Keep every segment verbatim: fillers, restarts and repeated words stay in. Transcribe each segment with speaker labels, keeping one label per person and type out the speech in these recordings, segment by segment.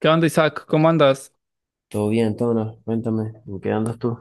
Speaker 1: ¿Qué onda, Isaac? ¿Cómo andas?
Speaker 2: Todo bien, Tona, cuéntame, ¿en qué andas tú?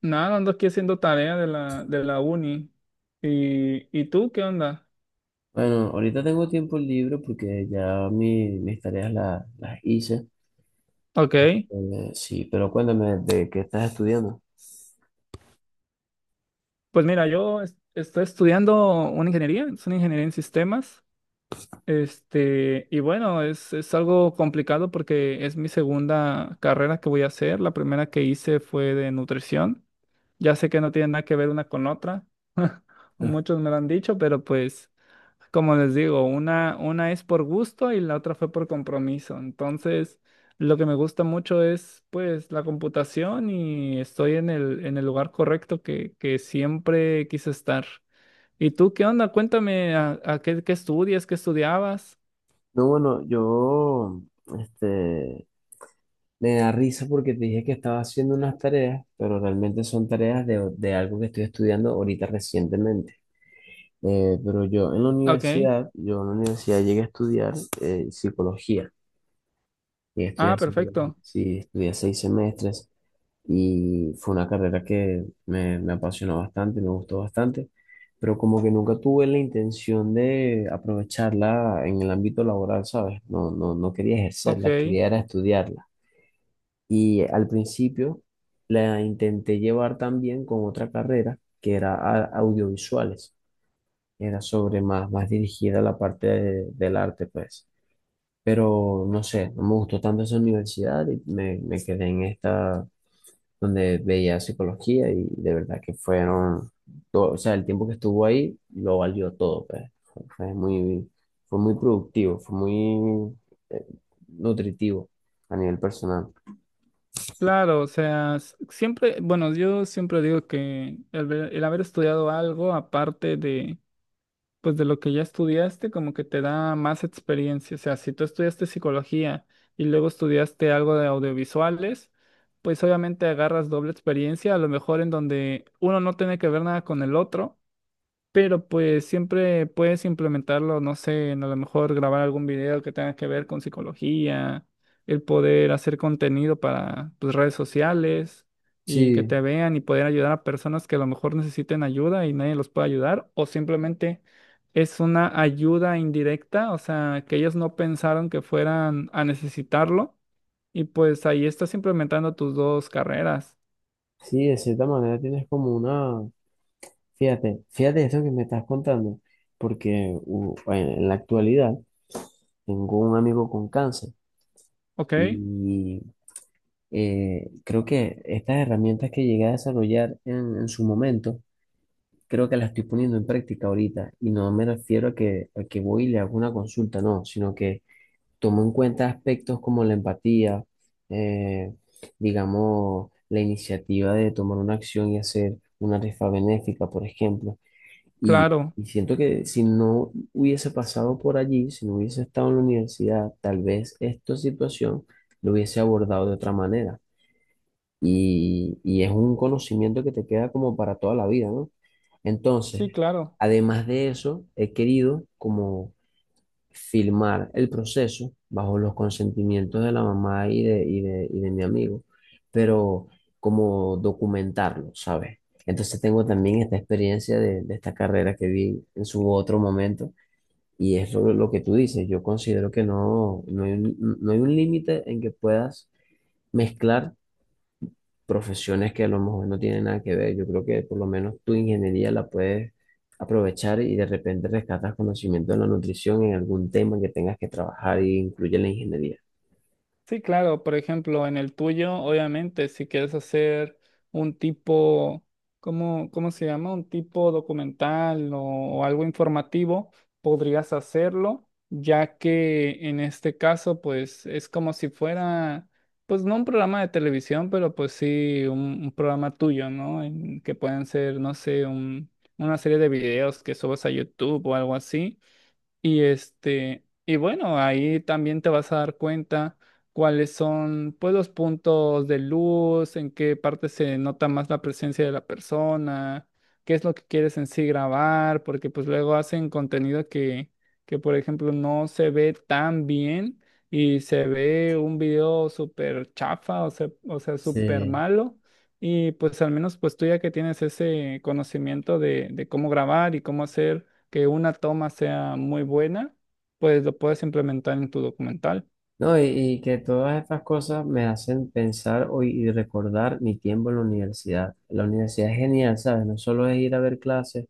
Speaker 1: Nada, ando aquí haciendo tarea de la, de la uni. ¿Y, y tú qué onda?
Speaker 2: Bueno, ahorita tengo tiempo libre porque ya mi- mis tareas la- las hice.
Speaker 1: Ok,
Speaker 2: Eh, sí, pero cuéntame, ¿de qué estás estudiando?
Speaker 1: pues mira, yo es- estoy estudiando una ingeniería, es una ingeniería en sistemas. Este, y bueno, es, es algo complicado porque es mi segunda carrera que voy a hacer. La primera que hice fue de nutrición. Ya sé que no tiene nada que ver una con otra.
Speaker 2: Ah,
Speaker 1: Muchos me lo han dicho, pero pues, como les digo, una, una es por gusto y la otra fue por compromiso. Entonces, lo que me gusta mucho es pues la computación y estoy en el, en el lugar correcto que, que siempre quise estar. ¿Y tú qué onda? Cuéntame a, a qué, qué estudias, qué estudiabas.
Speaker 2: no, bueno, yo, este, me da risa porque te dije que estaba haciendo unas tareas, pero realmente son tareas de, de algo que estoy estudiando ahorita recientemente. Eh, pero yo en la
Speaker 1: Ok.
Speaker 2: universidad, yo en la universidad llegué a estudiar eh, psicología, y
Speaker 1: Ah,
Speaker 2: estudié psicología,
Speaker 1: perfecto.
Speaker 2: sí, estudié seis semestres, y fue una carrera que me, me apasionó bastante, me gustó bastante, pero como que nunca tuve la intención de aprovecharla en el ámbito laboral, ¿sabes? No, no, no quería
Speaker 1: Ok.
Speaker 2: ejercerla, quería era estudiarla. Y al principio la intenté llevar también con otra carrera que era a- audiovisuales, era sobre más, más dirigida a la parte de- del arte, pues. Pero no sé, no me gustó tanto esa universidad y me, me quedé en esta donde veía psicología y de verdad que fueron, todo, o sea, el tiempo que estuvo ahí lo valió todo, pues. Fue, fue muy, fue muy productivo, fue muy eh, nutritivo a nivel personal.
Speaker 1: Claro, o sea, s- siempre, bueno, yo siempre digo que el, ver- el haber estudiado algo aparte de, pues de lo que ya estudiaste, como que te da más experiencia. O sea, si tú estudiaste psicología y luego estudiaste algo de audiovisuales, pues obviamente agarras doble experiencia, a lo mejor en donde uno no tiene que ver nada con el otro, pero pues siempre puedes implementarlo, no sé, en a lo mejor grabar algún video que tenga que ver con psicología, el poder hacer contenido para tus redes sociales y que
Speaker 2: Sí,
Speaker 1: te vean y poder ayudar a personas que a lo mejor necesiten ayuda y nadie los puede ayudar, o simplemente es una ayuda indirecta, o sea, que ellos no pensaron que fueran a necesitarlo y pues ahí estás implementando tus dos carreras,
Speaker 2: sí, de cierta manera tienes como una, fíjate, fíjate eso que me estás contando, porque u- en en la actualidad tengo un amigo con cáncer
Speaker 1: ¿ok?
Speaker 2: y eh, creo que estas herramientas que llegué a desarrollar en, en su momento, creo que las estoy poniendo en práctica ahorita y no me refiero a que, a que voy y le hago una consulta, no, sino que tomo en cuenta aspectos como la empatía, eh, digamos, la iniciativa de tomar una acción y hacer una rifa benéfica, por ejemplo, y,
Speaker 1: Claro,
Speaker 2: y siento que si no hubiese pasado por allí, si no hubiese estado en la universidad, tal vez esta situación lo hubiese abordado de otra manera y, y es un conocimiento que te queda como para toda la vida, ¿no?
Speaker 1: sí,
Speaker 2: Entonces,
Speaker 1: claro.
Speaker 2: además de eso, he querido como filmar el proceso bajo los consentimientos de la mamá y de, y de, y de mi amigo, pero como documentarlo, ¿sabes? Entonces tengo también esta experiencia de, de esta carrera que vi en su otro momento. Y es lo, lo que tú dices, yo considero que no, no hay un, no hay un límite en que puedas mezclar profesiones que a lo mejor no tienen nada que ver. Yo creo que por lo menos tu ingeniería la puedes aprovechar y de repente rescatas conocimiento de la nutrición en algún tema que tengas que trabajar y incluye la ingeniería.
Speaker 1: Sí, claro, por ejemplo, en el tuyo, obviamente, si quieres hacer un tipo, ¿cómo, cómo se llama? Un tipo documental o, o algo informativo, podrías hacerlo, ya que en este caso, pues es como si fuera, pues no un programa de televisión, pero pues sí un, un programa tuyo, ¿no? En que pueden ser, no sé, un- una serie de videos que subas a YouTube o algo así. Y este, y bueno, ahí también te vas a dar cuenta cuáles son, pues, los puntos de luz, en qué parte se nota más la presencia de la persona, qué es lo que quieres en sí grabar, porque pues luego hacen contenido que, que por ejemplo, no se ve tan bien y se ve un video súper chafa, o sea, o sea, súper
Speaker 2: Sí.
Speaker 1: malo. Y pues al menos pues tú ya que tienes ese conocimiento de, de cómo grabar y cómo hacer que una toma sea muy buena, pues lo puedes implementar en tu documental.
Speaker 2: No, y, y que todas estas cosas me hacen pensar hoy y recordar mi tiempo en la universidad. La universidad es genial, ¿sabes? No solo es ir a ver clases,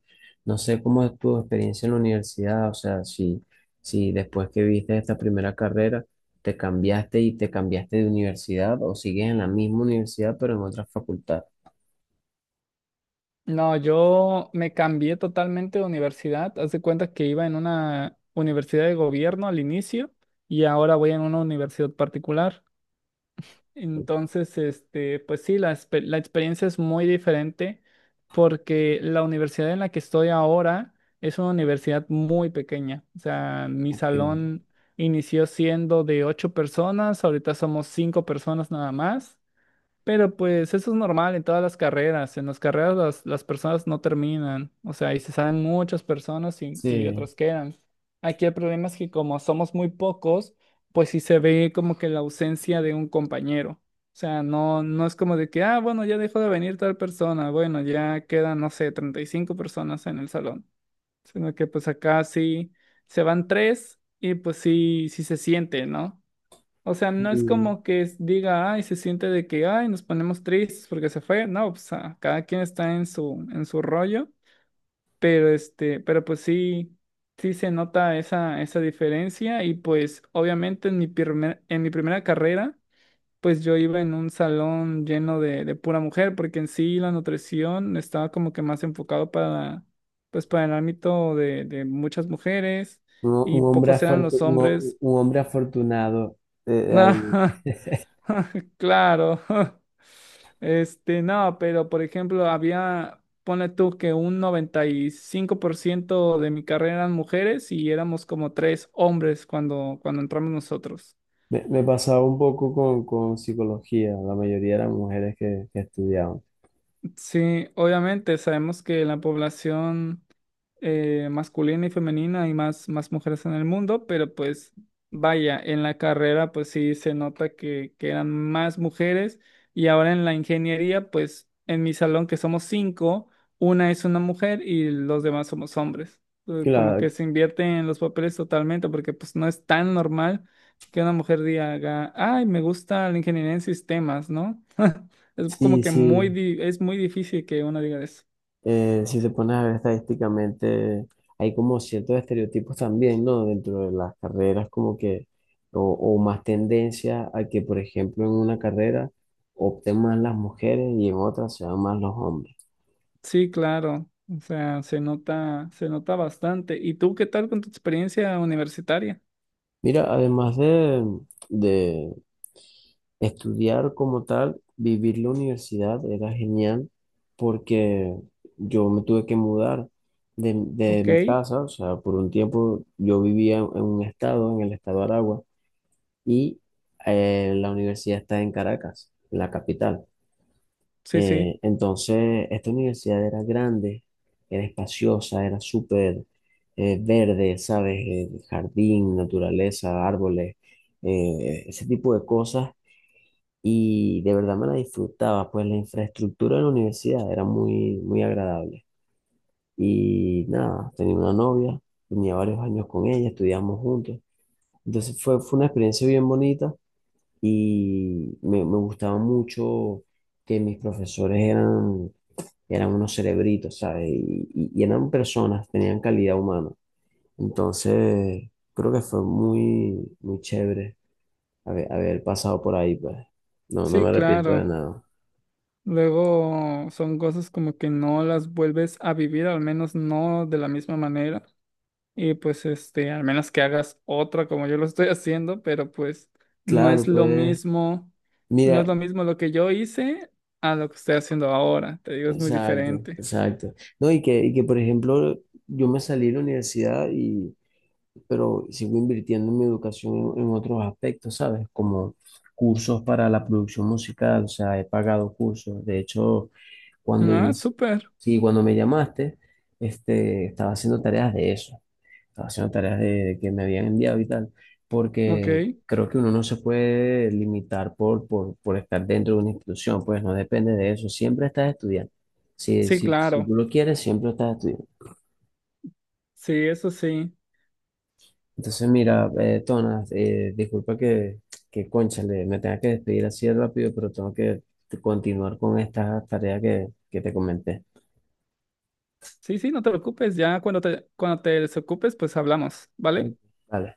Speaker 2: no sé cómo es tu experiencia en la universidad, o sea, si, si después que viste esta primera carrera te cambiaste y te cambiaste de universidad o sigues en la misma universidad pero en otra facultad.
Speaker 1: No, yo me cambié totalmente de universidad. Haz de cuenta que iba en una universidad de gobierno al inicio y ahora voy en una universidad particular. Entonces, este, pues sí, la, expe- la experiencia es muy diferente porque la universidad en la que estoy ahora es una universidad muy pequeña. O sea, mi
Speaker 2: Que-
Speaker 1: salón inició siendo de ocho personas, ahorita somos cinco personas nada más. Pero pues eso es normal en todas las carreras. En las carreras las, las personas no terminan. O sea, y se salen muchas personas y, y
Speaker 2: Sí.
Speaker 1: otras quedan. Aquí el problema es que como somos muy pocos, pues sí se ve como que la ausencia de un compañero. O sea, no, no es como de que, ah, bueno, ya dejó de venir tal persona. Bueno, ya quedan, no sé, treinta y cinco personas en el salón. Sino que pues acá sí se van tres y pues sí, sí se siente, ¿no? O sea, no es
Speaker 2: Un,
Speaker 1: como que es- diga, ay, se siente de que, ay, nos ponemos tristes porque se fue. No, pues ah, cada quien está en su, en su rollo, pero este, pero pues sí, sí se nota esa, esa diferencia y pues obviamente en mi primer, en mi primera carrera, pues yo iba en un salón lleno de, de pura mujer porque en sí la nutrición estaba como que más enfocado para, pues para el ámbito de, de muchas mujeres y
Speaker 2: un hombre
Speaker 1: pocos eran
Speaker 2: afortu-
Speaker 1: los
Speaker 2: un, ho-
Speaker 1: hombres.
Speaker 2: un hombre afortunado eh,
Speaker 1: No.
Speaker 2: ahí.
Speaker 1: Claro. Este, no, pero por ejemplo, había, ponle tú que un noventa y cinco por ciento de mi carrera eran mujeres y éramos como tres hombres cuando, cuando entramos nosotros.
Speaker 2: Me, me pasaba un poco con, con psicología, la mayoría eran mujeres que, que estudiaban.
Speaker 1: Sí, obviamente sabemos que la población eh, masculina y femenina y más, más mujeres en el mundo, pero pues vaya, en la carrera pues sí se nota que, que eran más mujeres y ahora en la ingeniería pues en mi salón que somos cinco, una es una mujer y los demás somos hombres. Eh, Como que
Speaker 2: Claro,
Speaker 1: se invierte en los papeles totalmente porque pues no es tan normal que una mujer diga, ay, me gusta la ingeniería en sistemas, ¿no? Es como
Speaker 2: sí,
Speaker 1: que muy,
Speaker 2: sí,
Speaker 1: di- es muy difícil que uno diga eso.
Speaker 2: eh, si te pones a ver estadísticamente, hay como ciertos estereotipos también, ¿no? Dentro de las carreras, como que, o, o más tendencia a que, por ejemplo, en una carrera opten más las mujeres y en otra sean más los hombres.
Speaker 1: Sí, claro. O sea, se nota, se nota bastante. ¿Y tú qué tal con tu experiencia universitaria?
Speaker 2: Mira, además de, de, estudiar como tal, vivir la universidad era genial porque yo me tuve que mudar de, de
Speaker 1: Ok,
Speaker 2: mi casa, o sea, por un tiempo yo vivía en un estado, en el estado de Aragua, y eh, la universidad está en Caracas, la capital.
Speaker 1: sí, sí,
Speaker 2: Eh, entonces, esta universidad era grande, era espaciosa, era súper eh, verde, ¿sabes? Eh, jardín, naturaleza, árboles, eh, ese tipo de cosas y de verdad me la disfrutaba, pues la infraestructura de la universidad era muy, muy agradable. Y nada, tenía una novia, tenía varios años con ella, estudiamos juntos. Entonces fue, fue una experiencia bien bonita y me, me gustaba mucho que mis profesores eran, eran unos cerebritos, ¿sabes? Y, y- y eran personas, tenían calidad humana. Entonces creo que fue muy, muy chévere haber, haber pasado por ahí, pues. No, no me
Speaker 1: sí,
Speaker 2: arrepiento de
Speaker 1: claro.
Speaker 2: nada.
Speaker 1: Luego son cosas como que no las vuelves a vivir, al menos no de la misma manera. Y pues este, al menos que hagas otra como yo lo estoy haciendo, pero pues no es
Speaker 2: Claro,
Speaker 1: lo
Speaker 2: pues,
Speaker 1: mismo, no es
Speaker 2: mira,
Speaker 1: lo mismo lo que yo hice a lo que estoy haciendo ahora. Te digo, es muy
Speaker 2: exacto,
Speaker 1: diferente.
Speaker 2: exacto. No, y que, y que, por ejemplo, yo me salí de la universidad y, pero sigo invirtiendo en mi educación en, en otros aspectos, ¿sabes? Como cursos para la producción musical, o sea, he pagado cursos. De hecho, cuando
Speaker 1: Ah,
Speaker 2: inicié,
Speaker 1: súper.
Speaker 2: sí, cuando me llamaste, este, estaba haciendo tareas de eso. Estaba haciendo tareas de, de que me habían enviado y tal,
Speaker 1: Ok,
Speaker 2: porque creo que uno no se puede limitar por, por, por estar dentro de una institución, pues no depende de eso, siempre estás estudiando. Si,
Speaker 1: sí,
Speaker 2: si, si tú
Speaker 1: claro.
Speaker 2: lo quieres, siempre estás estudiando.
Speaker 1: Sí, eso sí.
Speaker 2: Entonces, mira, eh, Tonas, eh, disculpa que, que, cónchale, me tenga que despedir así de rápido, pero tengo que continuar con esta tarea que, que te comenté.
Speaker 1: Sí, sí, no te preocupes. Ya cuando te, cuando te desocupes, pues hablamos,
Speaker 2: Ok,
Speaker 1: ¿vale?
Speaker 2: vale.